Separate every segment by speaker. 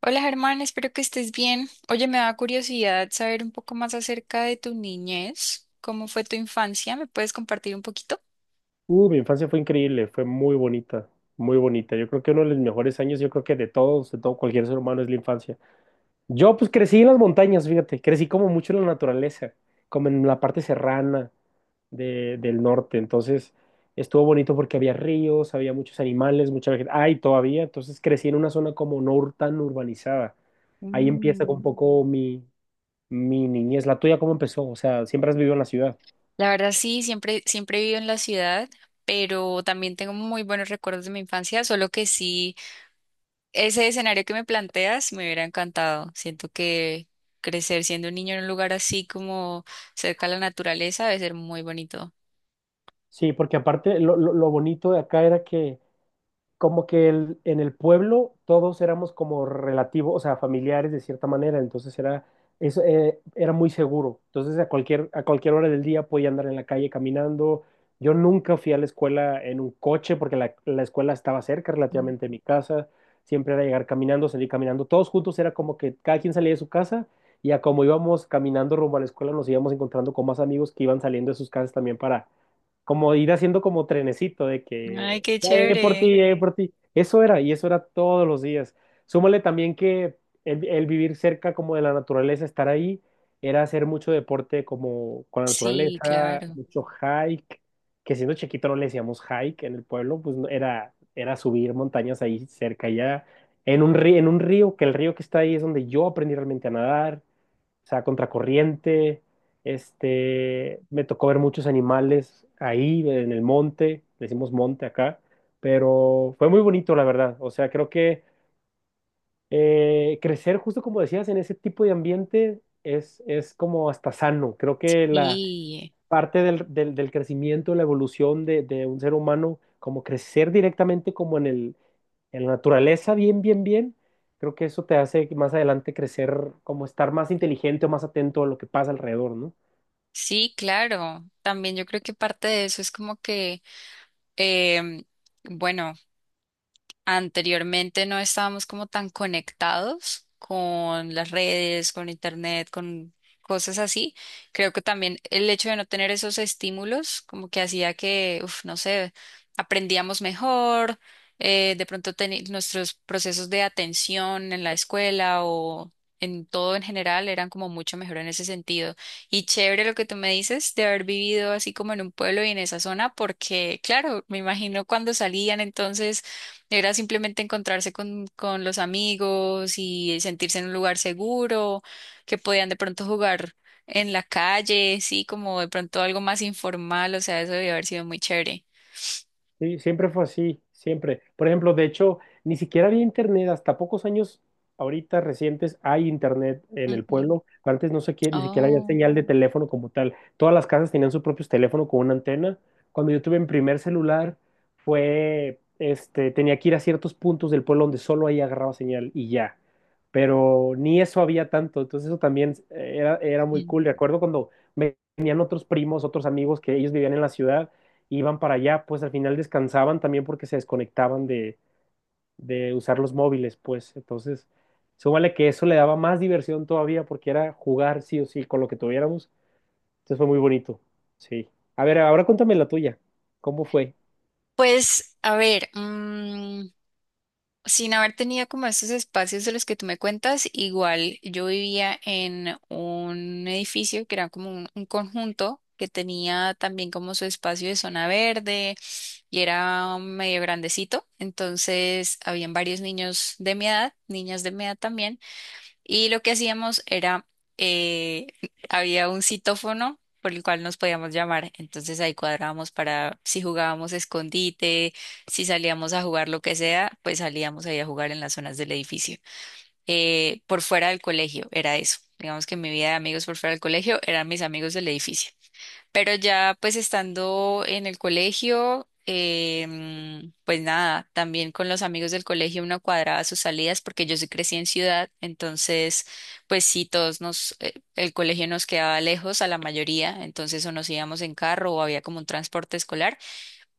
Speaker 1: Hola Germán, espero que estés bien. Oye, me da curiosidad saber un poco más acerca de tu niñez. ¿Cómo fue tu infancia? ¿Me puedes compartir un poquito?
Speaker 2: Mi infancia fue increíble, fue muy bonita, muy bonita. Yo creo que uno de los mejores años, yo creo que de todos, de todo cualquier ser humano es la infancia. Yo pues crecí en las montañas, fíjate, crecí como mucho en la naturaleza, como en la parte serrana del norte. Entonces estuvo bonito porque había ríos, había muchos animales, mucha vegetación. Ay, todavía, entonces crecí en una zona como no tan urbanizada. Ahí empieza un
Speaker 1: Mm.
Speaker 2: poco mi niñez. ¿La tuya cómo empezó? O sea, ¿siempre has vivido en la ciudad?
Speaker 1: La verdad sí, siempre, siempre he vivido en la ciudad, pero también tengo muy buenos recuerdos de mi infancia, solo que sí. Ese escenario que me planteas me hubiera encantado. Siento que crecer siendo un niño en un lugar así como cerca a la naturaleza debe ser muy bonito.
Speaker 2: Sí, porque aparte lo bonito de acá era que como que en el pueblo todos éramos como relativos, o sea, familiares de cierta manera, entonces era, eso, era muy seguro. Entonces a cualquier hora del día podía andar en la calle caminando. Yo nunca fui a la escuela en un coche porque la escuela estaba cerca
Speaker 1: Mm.
Speaker 2: relativamente de mi casa. Siempre era llegar caminando, salir caminando. Todos juntos era como que cada quien salía de su casa, y a como íbamos caminando rumbo a la escuela nos íbamos encontrando con más amigos que iban saliendo de sus casas también, para como ir haciendo como trenecito de
Speaker 1: Ay,
Speaker 2: que
Speaker 1: qué
Speaker 2: ya llegué por
Speaker 1: chévere.
Speaker 2: ti, ya llegué por ti. Eso era, y eso era todos los días. Súmale también que el vivir cerca como de la naturaleza, estar ahí, era hacer mucho deporte como con la
Speaker 1: Sí,
Speaker 2: naturaleza,
Speaker 1: claro.
Speaker 2: mucho hike, que siendo chiquito no le decíamos hike en el pueblo, pues no- era, era subir montañas ahí cerca, ya en un río, que el río que está ahí es donde yo aprendí realmente a nadar, o sea, contracorriente. Este, me tocó ver muchos animales ahí en el monte, decimos monte acá, pero fue muy bonito, la verdad. O sea, creo que crecer, justo como decías, en ese tipo de ambiente es como hasta sano. Creo que la
Speaker 1: Sí,
Speaker 2: parte del crecimiento, la evolución de un ser humano, como crecer directamente como en el, en la naturaleza bien, bien, bien, creo que eso te hace más adelante crecer, como estar más inteligente o más atento a lo que pasa alrededor, ¿no?
Speaker 1: sí, claro. También yo creo que parte de eso es como que, em, bueno. Anteriormente no estábamos como tan conectados con las redes, con internet, con cosas así. Creo que también el hecho de no tener esos estímulos como que hacía que, uf, no sé, aprendíamos mejor, de pronto nuestros procesos de atención en la escuela o en todo en general eran como mucho mejor en ese sentido. Y chévere lo que tú me dices de haber vivido así como en un pueblo y en esa zona, porque claro, me imagino cuando salían entonces era simplemente encontrarse con los amigos y sentirse en un lugar seguro, que podían de pronto jugar en la calle, sí, como de pronto algo más informal, o sea, eso debió haber sido muy chévere.
Speaker 2: Sí, siempre fue así, siempre. Por ejemplo, de hecho, ni siquiera había internet, hasta pocos años ahorita recientes hay internet en el
Speaker 1: Ujú.
Speaker 2: pueblo. Pero antes no sé qué, ni siquiera había
Speaker 1: Oh.
Speaker 2: señal de teléfono como tal. Todas las casas tenían su propio teléfono con una antena. Cuando yo tuve mi primer celular, fue, este, tenía que ir a ciertos puntos del pueblo donde solo ahí agarraba señal y ya. Pero ni eso había tanto, entonces eso también era muy
Speaker 1: Mm.
Speaker 2: cool. Recuerdo cuando venían otros primos, otros amigos que ellos vivían en la ciudad, iban para allá, pues al final descansaban también porque se desconectaban de usar los móviles, pues entonces, súmale que eso le daba más diversión todavía porque era jugar sí o sí con lo que tuviéramos, entonces fue muy bonito, sí. A ver, ahora cuéntame la tuya, ¿cómo fue?
Speaker 1: Pues, a ver, sin haber tenido como esos espacios de los que tú me cuentas, igual yo vivía en un edificio que era como un conjunto que tenía también como su espacio de zona verde y era medio grandecito, entonces habían varios niños de mi edad, niñas de mi edad también. Y lo que hacíamos era, eh, había un citófono por el cual nos podíamos llamar. Entonces ahí cuadrábamos para si jugábamos escondite, si salíamos a jugar lo que sea, pues salíamos ahí a jugar en las zonas del edificio. Por fuera del colegio era eso. Digamos que mi vida de amigos por fuera del colegio eran mis amigos del edificio. Pero ya pues estando en el colegio, pues nada, también con los amigos del colegio uno cuadraba sus salidas porque yo sí crecí en ciudad, entonces pues sí, todos nos, el colegio nos quedaba lejos a la mayoría, entonces o nos íbamos en carro o había como un transporte escolar.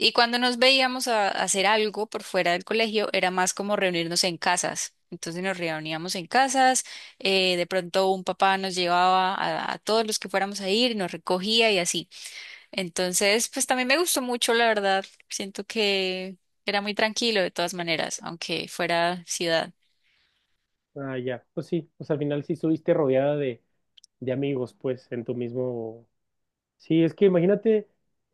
Speaker 1: Y cuando nos veíamos a hacer algo por fuera del colegio era más como reunirnos en casas. Entonces nos reuníamos en casas, de pronto un papá nos llevaba a todos los que fuéramos a ir, nos recogía y así. Entonces, pues también me gustó mucho, la verdad. Siento que era muy tranquilo de todas maneras, aunque fuera ciudad.
Speaker 2: Ah, ya, pues sí, pues al final sí estuviste rodeada de amigos, pues en tu mismo. Sí, es que imagínate,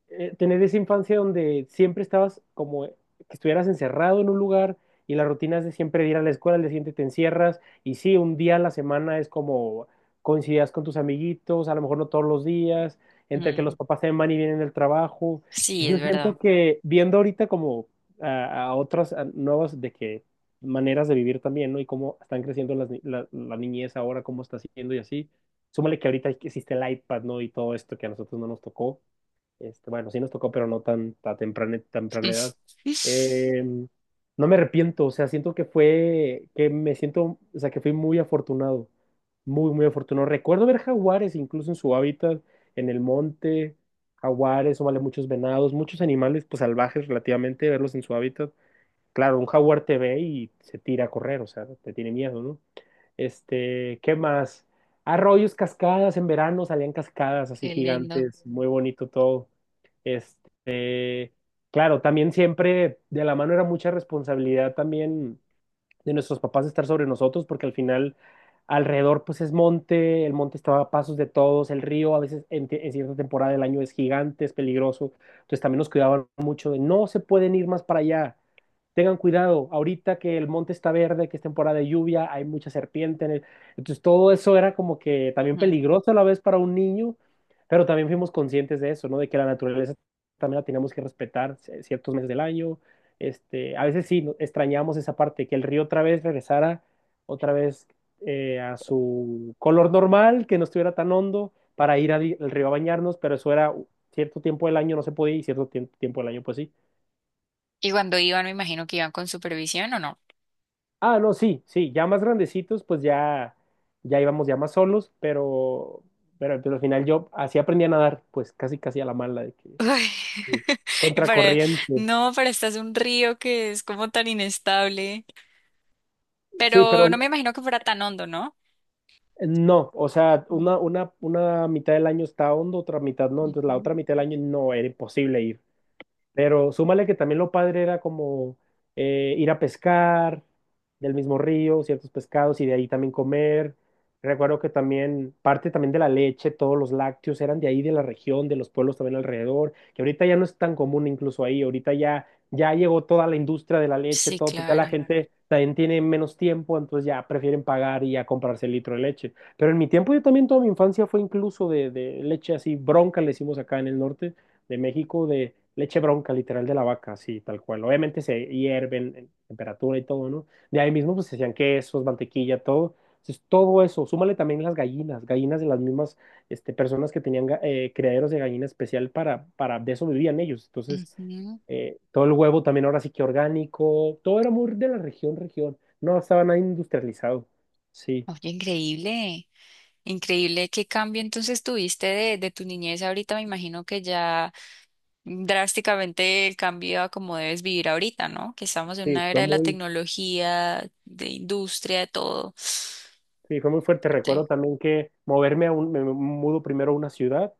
Speaker 2: tener esa infancia donde siempre estabas como, que estuvieras encerrado en un lugar y la rutina es de siempre ir a la escuela, al día siguiente te encierras y sí, un día a la semana es como coincidías con tus amiguitos, a lo mejor no todos los días, entre que los
Speaker 1: Mm,
Speaker 2: papás se van y vienen del trabajo.
Speaker 1: sí,
Speaker 2: Yo
Speaker 1: es
Speaker 2: siento
Speaker 1: verdad.
Speaker 2: que viendo ahorita como a otras a nuevas de que maneras de vivir también, ¿no? Y cómo están creciendo las, ni- la niñez ahora, cómo está siendo y así, súmale que ahorita existe el iPad, ¿no? Y todo esto que a nosotros no nos tocó. Este, bueno, sí nos tocó, pero no tan, tan temprana, temprana edad. Eh, no me arrepiento, o sea, siento que fue, que me siento, o sea, que fui muy afortunado, muy, muy afortunado. Recuerdo ver jaguares incluso en su hábitat, en el monte, jaguares, o vale muchos venados, muchos animales, pues salvajes relativamente, verlos en su hábitat. Claro, un jaguar te ve y se tira a correr, o sea, te tiene miedo, ¿no? Este, ¿qué más? Arroyos, cascadas, en verano salían cascadas así
Speaker 1: Qué lindo.
Speaker 2: gigantes, muy bonito todo. Este, claro, también siempre de la mano era mucha responsabilidad también de nuestros papás estar sobre nosotros, porque al final alrededor pues es monte, el monte está a pasos de todos, el río a veces en cierta temporada del año es gigante, es peligroso, entonces también nos cuidaban mucho de no se pueden ir más para allá, tengan cuidado, ahorita que el monte está verde, que es temporada de lluvia, hay mucha serpiente en el... Entonces todo eso era como que también
Speaker 1: Mm.
Speaker 2: peligroso a la vez para un niño, pero también fuimos conscientes de eso, ¿no? De que la naturaleza también la teníamos que respetar ciertos meses del año, este, a veces sí extrañamos esa parte, que el río otra vez regresara, otra vez a su color normal, que no estuviera tan hondo para ir al, al río a bañarnos, pero eso era cierto tiempo del año no se podía y cierto tiempo del año pues sí.
Speaker 1: Y cuando iban, me imagino que iban con supervisión o no.
Speaker 2: Ah, no, sí, sí, ya más grandecitos pues ya, ya íbamos ya más solos, pero, pero al final yo así aprendí a nadar, pues casi casi a la mala de que
Speaker 1: Ay, y para,
Speaker 2: contracorriente.
Speaker 1: no, para estás un río que es como tan inestable.
Speaker 2: Sí, pero
Speaker 1: Pero no me imagino que fuera tan hondo, ¿no?
Speaker 2: no, o sea,
Speaker 1: Mm,
Speaker 2: una mitad del año está hondo, otra mitad no, entonces la
Speaker 1: ujú.
Speaker 2: otra mitad del año no, era imposible, y pero súmale que también lo padre era como ir a pescar del mismo río, ciertos pescados y de ahí también comer. Recuerdo que también parte también de la leche, todos los lácteos eran de ahí, de la región, de los pueblos también alrededor, que ahorita ya no es tan común incluso ahí, ahorita ya, ya llegó toda la industria de la leche,
Speaker 1: Sí,
Speaker 2: todo, pues ya la
Speaker 1: claro.
Speaker 2: gente también tiene menos tiempo, entonces ya prefieren pagar y ya comprarse el litro de leche. Pero en mi tiempo yo también toda mi infancia fue incluso de leche así, bronca le hicimos acá en el norte de México de leche bronca, literal de la vaca, así tal cual. Obviamente se hierven en temperatura y todo, ¿no? De ahí mismo pues se hacían quesos, mantequilla, todo. Entonces todo eso, súmale también las gallinas, gallinas de las mismas este, personas que tenían criaderos de gallina especial para, de eso vivían ellos. Entonces
Speaker 1: Ujú.
Speaker 2: todo el huevo también ahora sí que orgánico, todo era muy de la región, región. No estaba nada industrializado. Sí,
Speaker 1: Oye, increíble. Increíble, qué cambio entonces tuviste de tu niñez ahorita. Me imagino que ya drásticamente el cambio a cómo debes vivir ahorita, ¿no? Que estamos en
Speaker 2: sí,
Speaker 1: una era
Speaker 2: fue
Speaker 1: de la
Speaker 2: muy,
Speaker 1: tecnología, de industria, de todo.
Speaker 2: sí, fue muy fuerte.
Speaker 1: Fuerte.
Speaker 2: Recuerdo también que moverme a un, me mudo primero a una ciudad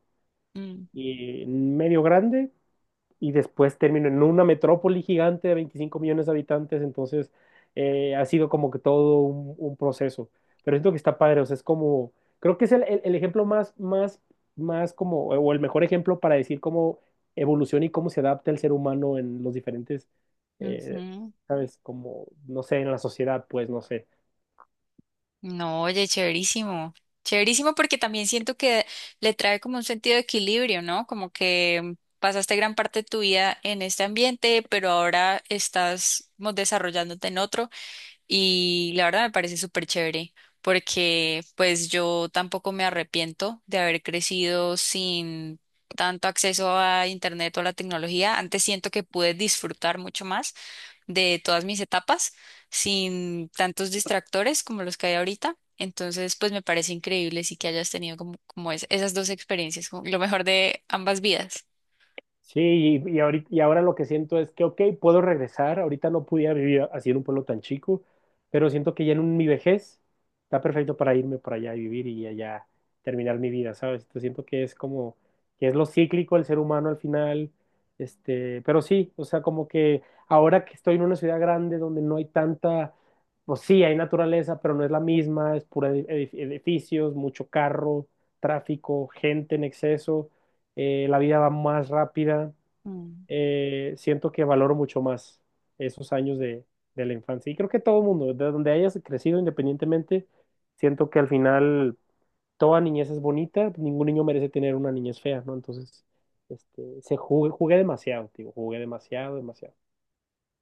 Speaker 1: Mm,
Speaker 2: y medio grande y después terminó en una metrópoli gigante de 25 millones de habitantes, entonces ha sido como que todo un proceso, pero siento que está padre, o sea, es como, creo que es el ejemplo más, más, más como, o el mejor ejemplo para decir cómo evoluciona y cómo se adapta el ser humano en los diferentes, eh,
Speaker 1: ujú.
Speaker 2: ¿sabes? Como, no sé, en la sociedad, pues, no sé.
Speaker 1: No, oye, chéverísimo. Chéverísimo porque también siento que le trae como un sentido de equilibrio, ¿no? Como que pasaste gran parte de tu vida en este ambiente, pero ahora estás como, desarrollándote en otro. Y la verdad me parece súper chévere porque pues yo tampoco me arrepiento de haber crecido sin tanto acceso a internet o a la tecnología. Antes siento que pude disfrutar mucho más de todas mis etapas sin tantos distractores como los que hay ahorita. Entonces, pues me parece increíble sí que hayas tenido como, esas dos experiencias, como lo mejor de ambas vidas.
Speaker 2: Sí, y ahorita, y ahora lo que siento es que, ok, puedo regresar, ahorita no pudiera vivir así en un pueblo tan chico, pero siento que ya en mi vejez está perfecto para irme por allá y vivir y allá terminar mi vida, ¿sabes? Entonces siento que es como, que es lo cíclico el ser humano al final, este, pero sí, o sea, como que ahora que estoy en una ciudad grande donde no hay tanta, pues sí, hay naturaleza, pero no es la misma, es pura edificios, mucho carro, tráfico, gente en exceso, la vida va más rápida,
Speaker 1: Mm,
Speaker 2: siento que valoro mucho más esos años de la infancia. Y creo que todo mundo, de donde hayas crecido independientemente, siento que al final toda niñez es bonita, ningún niño merece tener una niñez fea, ¿no? Entonces, este, jugué demasiado, digo, jugué demasiado, demasiado.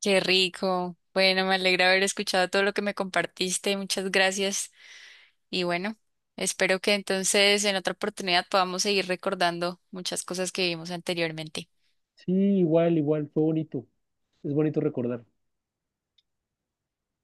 Speaker 1: qué rico. Bueno, me alegra haber escuchado todo lo que me compartiste. Muchas gracias. Y bueno, espero que entonces en otra oportunidad podamos seguir recordando muchas cosas que vimos anteriormente.
Speaker 2: Sí, igual, igual, fue bonito. Es bonito recordar.